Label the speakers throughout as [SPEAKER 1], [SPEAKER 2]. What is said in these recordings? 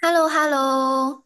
[SPEAKER 1] h e l l o h e l l o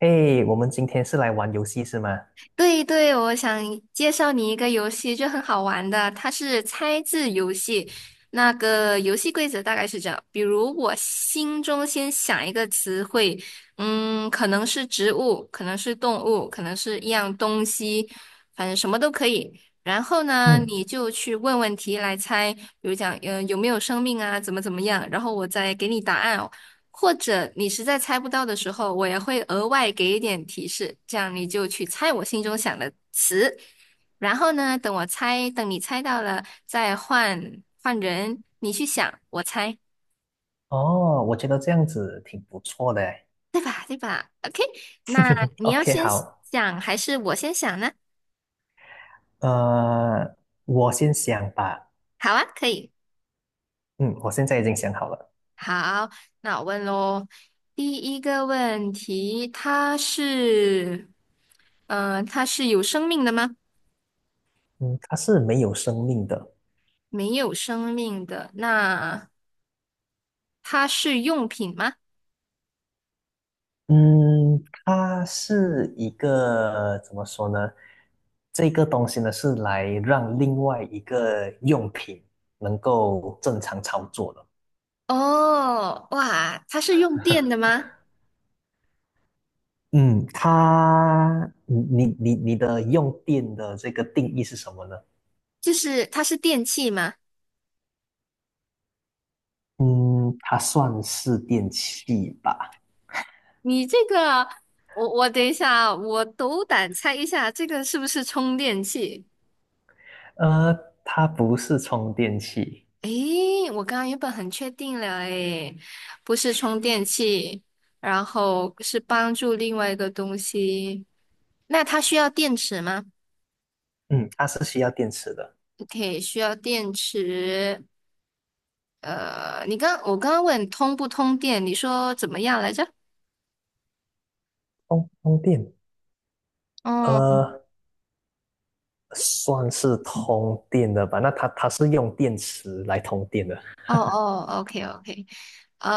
[SPEAKER 2] 诶，我们今天是来玩游戏是吗？
[SPEAKER 1] 对对，我想介绍你一个游戏，就很好玩的，它是猜字游戏。那个游戏规则大概是这样，比如我心中先想一个词汇，可能是植物，可能是动物，可能是一样东西，反正什么都可以。然后呢，
[SPEAKER 2] 嗯，
[SPEAKER 1] 你就去问问题来猜，比如讲，有没有生命啊，怎么怎么样，然后我再给你答案，哦。或者你实在猜不到的时候，我也会额外给一点提示，这样你就去猜我心中想的词。然后呢，等我猜，等你猜到了，再换换人，你去想，我猜。
[SPEAKER 2] 哦，我觉得这样子挺不错的诶。
[SPEAKER 1] OK，那你要
[SPEAKER 2] OK，
[SPEAKER 1] 先
[SPEAKER 2] 好，
[SPEAKER 1] 想还是我先想呢？
[SPEAKER 2] 呃，我先想吧。
[SPEAKER 1] 好啊，可以。
[SPEAKER 2] 嗯，我现在已经想好了。
[SPEAKER 1] 好，那我问喽。第一个问题，它是，它是有生命的吗？
[SPEAKER 2] 嗯，它是没有生命的。
[SPEAKER 1] 没有生命的。那它是用品吗？
[SPEAKER 2] 嗯，它是一个，怎么说呢？这个东西呢，是来让另外一个用品能够正常操作的
[SPEAKER 1] 哦，哇，它是用电的 吗？
[SPEAKER 2] 嗯，你用电的这个定义是什么呢？
[SPEAKER 1] 就是它是电器吗？
[SPEAKER 2] 嗯，它算是电器吧？
[SPEAKER 1] 你这个，我等一下，我斗胆猜一下，这个是不是充电器？
[SPEAKER 2] 呃，它不是充电器。
[SPEAKER 1] 诶，我刚刚原本很确定了，诶，不是充电器，然后是帮助另外一个东西。那它需要电池吗
[SPEAKER 2] 嗯，它是需要电池的。
[SPEAKER 1] ？OK，需要电池。我刚刚问通不通电，你说怎么样来着？
[SPEAKER 2] 通电，
[SPEAKER 1] 哦。
[SPEAKER 2] 呃，算是通电的吧？那它是用电池来通电的。
[SPEAKER 1] 哦哦，OK OK，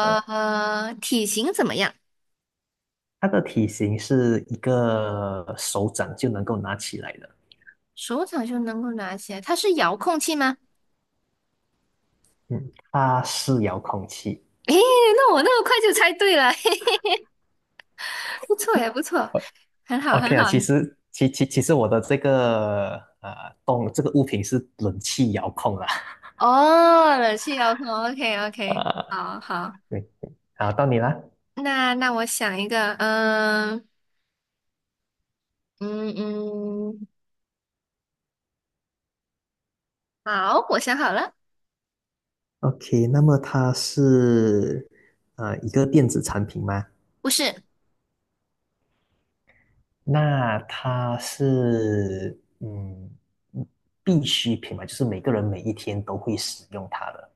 [SPEAKER 2] 嗯，
[SPEAKER 1] 体型怎么样？
[SPEAKER 2] 它的体型是一个手掌就能够拿起来的。
[SPEAKER 1] 手掌就能够拿起来，它是遥控器吗？
[SPEAKER 2] 嗯。它是遥控器。
[SPEAKER 1] 诶，那我那么快就猜对了，不错也不错，
[SPEAKER 2] O-
[SPEAKER 1] 很好很
[SPEAKER 2] OK 啊，
[SPEAKER 1] 好。
[SPEAKER 2] 其实我的这个呃动这个物品是冷气遥控啦。
[SPEAKER 1] 哦，冷气遥控，OK OK，
[SPEAKER 2] 呃，
[SPEAKER 1] 好好。
[SPEAKER 2] 对，好，到你啦。
[SPEAKER 1] 那我想一个，嗯嗯，好，我想好了，
[SPEAKER 2] OK,那么它是一个电子产品吗？
[SPEAKER 1] 不是，
[SPEAKER 2] 那它是必需品嘛，就是每个人每一天都会使用它的。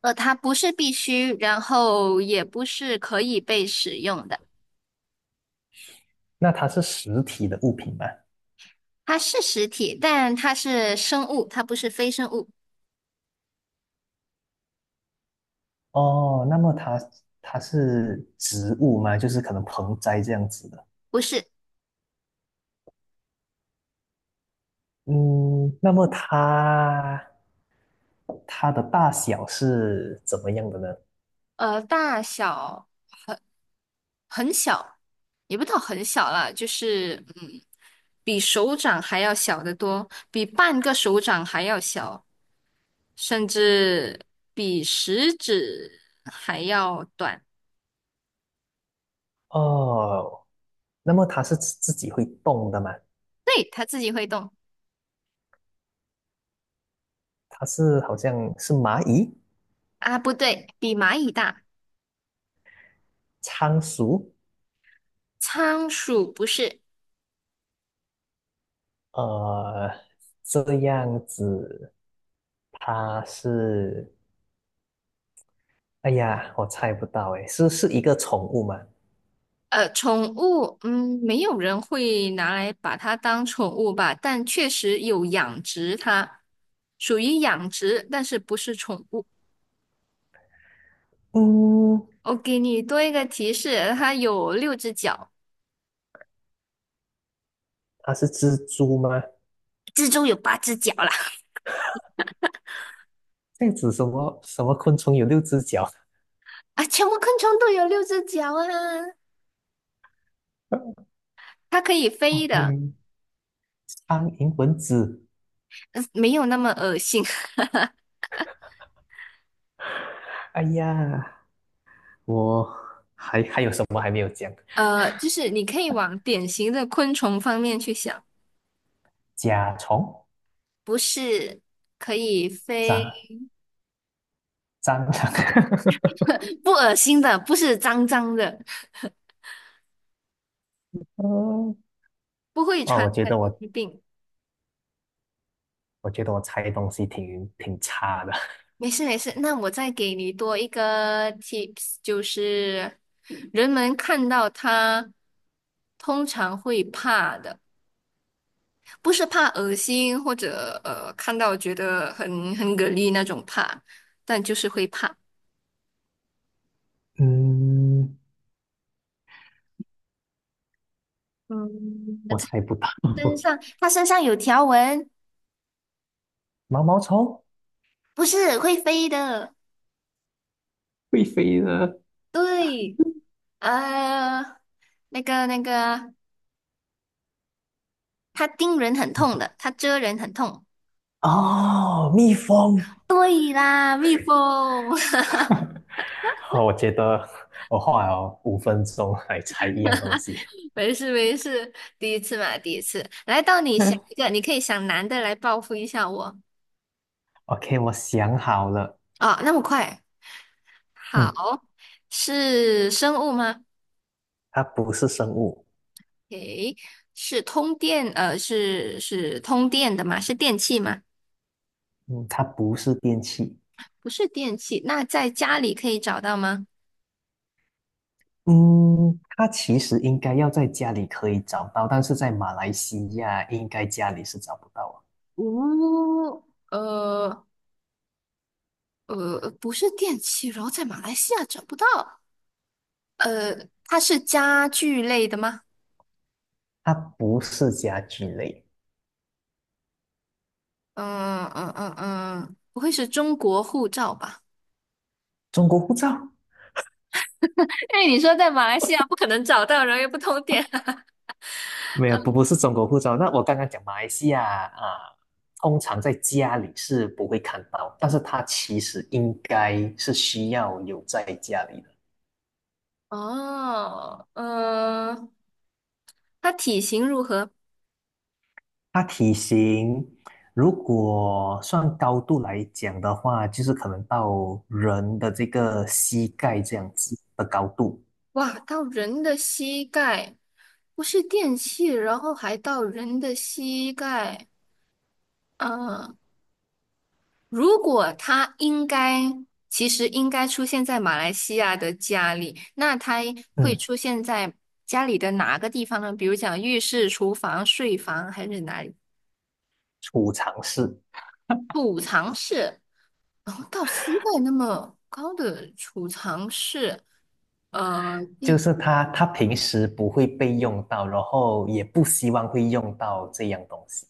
[SPEAKER 1] 它不是必须，然后也不是可以被使用的，
[SPEAKER 2] 那它是实体的物品吗？
[SPEAKER 1] 它是实体，但它是生物，它不是非生物。
[SPEAKER 2] 哦，那么它是植物吗？就是可能盆栽这样子的。
[SPEAKER 1] 不是，
[SPEAKER 2] 嗯，那么它的大小是怎么样的呢？
[SPEAKER 1] 大小很小，也不到很小啦，就是比手掌还要小得多，比半个手掌还要小，甚至比食指还要短。
[SPEAKER 2] 哦，那么它是自己会动的吗？
[SPEAKER 1] 对，它自己会动
[SPEAKER 2] 它是好像是蚂蚁？
[SPEAKER 1] 啊，不对，比蚂蚁大。
[SPEAKER 2] 仓鼠。
[SPEAKER 1] 仓鼠不是，
[SPEAKER 2] 呃，这样子，它是，哎呀，我猜不到，哎，是一个宠物吗？
[SPEAKER 1] 宠物，没有人会拿来把它当宠物吧，但确实有养殖它，属于养殖，但是不是宠物。
[SPEAKER 2] 嗯，
[SPEAKER 1] 我给你多一个提示，它有六只脚。
[SPEAKER 2] 它是蜘蛛吗？
[SPEAKER 1] 蜘蛛有八只脚啦，
[SPEAKER 2] 这样子什么昆虫有六只脚？
[SPEAKER 1] 啊，全部昆虫都有六只脚啊，它可以
[SPEAKER 2] 哦，
[SPEAKER 1] 飞的，
[SPEAKER 2] 很苍蝇、蚊子。
[SPEAKER 1] 没有那么恶心。
[SPEAKER 2] 哎呀，我还有什么还没有讲？
[SPEAKER 1] 就是你可以往典型的昆虫方面去想，
[SPEAKER 2] 甲虫、
[SPEAKER 1] 不是可以飞，
[SPEAKER 2] 蟑蟑螂。
[SPEAKER 1] 不恶心的，不是脏脏的，
[SPEAKER 2] 嗯，
[SPEAKER 1] 不会
[SPEAKER 2] 哇，
[SPEAKER 1] 传
[SPEAKER 2] 我觉
[SPEAKER 1] 染
[SPEAKER 2] 得
[SPEAKER 1] 疾病。
[SPEAKER 2] 我猜东西挺差的。
[SPEAKER 1] 没事没事，那我再给你多一个 tips，就是人们看到它通常会怕的。不是怕恶心或者看到觉得很很给力那种怕，但就是会怕。
[SPEAKER 2] 嗯，
[SPEAKER 1] 嗯，
[SPEAKER 2] 我猜不到。
[SPEAKER 1] 它身上有条纹，
[SPEAKER 2] 毛毛虫？
[SPEAKER 1] 不是会飞的。
[SPEAKER 2] 会飞的。
[SPEAKER 1] 对，呃，那个那个，它叮人很痛的，它蛰人很痛。
[SPEAKER 2] 哦，蜜蜂。
[SPEAKER 1] 对啦，蜜蜂。
[SPEAKER 2] 好，我觉得我花了5分钟来猜一样东西。
[SPEAKER 1] 没事没事，第一次嘛，第一次。来到你想一 个，你可以想男的来报复一下我。
[SPEAKER 2] OK,我想好了。
[SPEAKER 1] 啊，那么快？
[SPEAKER 2] 嗯，
[SPEAKER 1] 好，是生物吗？
[SPEAKER 2] 它不是生物。
[SPEAKER 1] 诶，是通电，是通电的吗？是电器吗？
[SPEAKER 2] 嗯，它不是电器。
[SPEAKER 1] 不是电器，那在家里可以找到吗？
[SPEAKER 2] 嗯，它其实应该要在家里可以找到，但是在马来西亚应该家里是找不到啊。
[SPEAKER 1] 哦，呃不是电器，然后在马来西亚找不到。它是家具类的吗？
[SPEAKER 2] 它不是家具类。
[SPEAKER 1] 嗯，不会是中国护照吧？
[SPEAKER 2] 中国护照？
[SPEAKER 1] 哎，你说在马来西亚不可能找到，然后又不通电。
[SPEAKER 2] 没有，不是中国护照。那我刚刚讲马来西亚啊，通常在家里是不会看到，但是它其实应该是需要有在家里的。
[SPEAKER 1] 哦，它体型如何？
[SPEAKER 2] 它体型如果算高度来讲的话，就是可能到人的这个膝盖这样子的高度。
[SPEAKER 1] 哇，到人的膝盖，不是电器，然后还到人的膝盖。嗯，如果它应该，其实应该出现在马来西亚的家里，那它会
[SPEAKER 2] 嗯，
[SPEAKER 1] 出现在家里的哪个地方呢？比如讲浴室、厨房、睡房还是哪里？
[SPEAKER 2] 储藏室。
[SPEAKER 1] 储藏室，然后到膝盖那么高的储藏室，呃，
[SPEAKER 2] 就
[SPEAKER 1] 电
[SPEAKER 2] 是它平时不会被用到，然后也不希望会用到这样东西。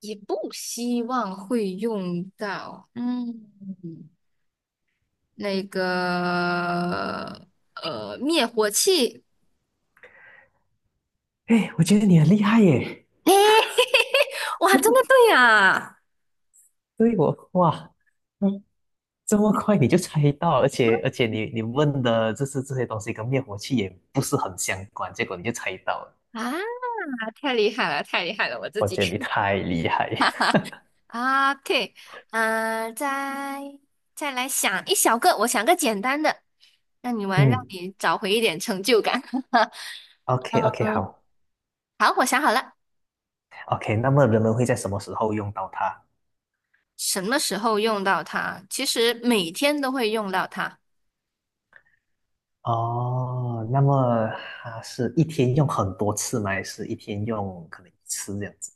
[SPEAKER 1] 也不希望会用到。嗯。那个灭火器
[SPEAKER 2] 哎，我觉得你很厉害耶！
[SPEAKER 1] 诶，哇，真的对啊！
[SPEAKER 2] 对，我哇，嗯，这么快你就猜到，而且 而且你问的就是这些东西跟灭火器也不是很相关，结果你就猜到了，
[SPEAKER 1] 啊，太厉害了，太厉害了，我自
[SPEAKER 2] 我
[SPEAKER 1] 己。
[SPEAKER 2] 觉得你 太厉害。
[SPEAKER 1] OK，嗯、呃再再来想一小个，我想个简单的，让你玩，让
[SPEAKER 2] 嗯
[SPEAKER 1] 你找回一点成就感。
[SPEAKER 2] ，OK OK,
[SPEAKER 1] 嗯，
[SPEAKER 2] 好
[SPEAKER 1] 好，我想好了，
[SPEAKER 2] ，OK,那么人们会在什么时候用到它？
[SPEAKER 1] 什么时候用到它？其实每天都会用到它，
[SPEAKER 2] 哦，那么它是一天用很多次吗？还是一天用可能一次这样子？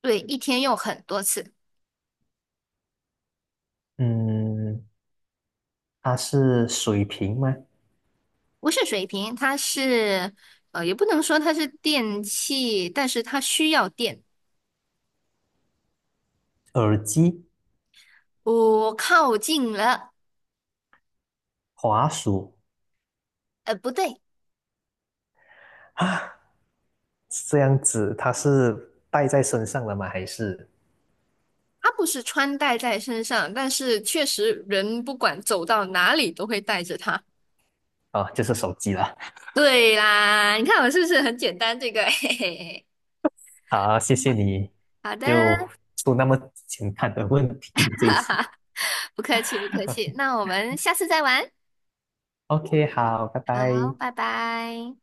[SPEAKER 1] 对，一天用很多次。
[SPEAKER 2] 嗯，它是水瓶吗？
[SPEAKER 1] 不是水瓶，它是也不能说它是电器，但是它需要电。
[SPEAKER 2] 耳机、
[SPEAKER 1] 我靠近了，
[SPEAKER 2] 滑鼠？
[SPEAKER 1] 不对，
[SPEAKER 2] 啊？这样子它是带在身上的吗？还是
[SPEAKER 1] 它不是穿戴在身上，但是确实人不管走到哪里都会带着它。
[SPEAKER 2] 啊，就是手机了。
[SPEAKER 1] 对啦，你看我是不是很简单？这个，嘿嘿嘿。
[SPEAKER 2] 好，谢谢你，
[SPEAKER 1] 好的，
[SPEAKER 2] 就出那么简单的问题这一次。
[SPEAKER 1] 不客气，不客气。那我们下次再玩，
[SPEAKER 2] OK,好，拜
[SPEAKER 1] 好，
[SPEAKER 2] 拜。
[SPEAKER 1] 拜拜。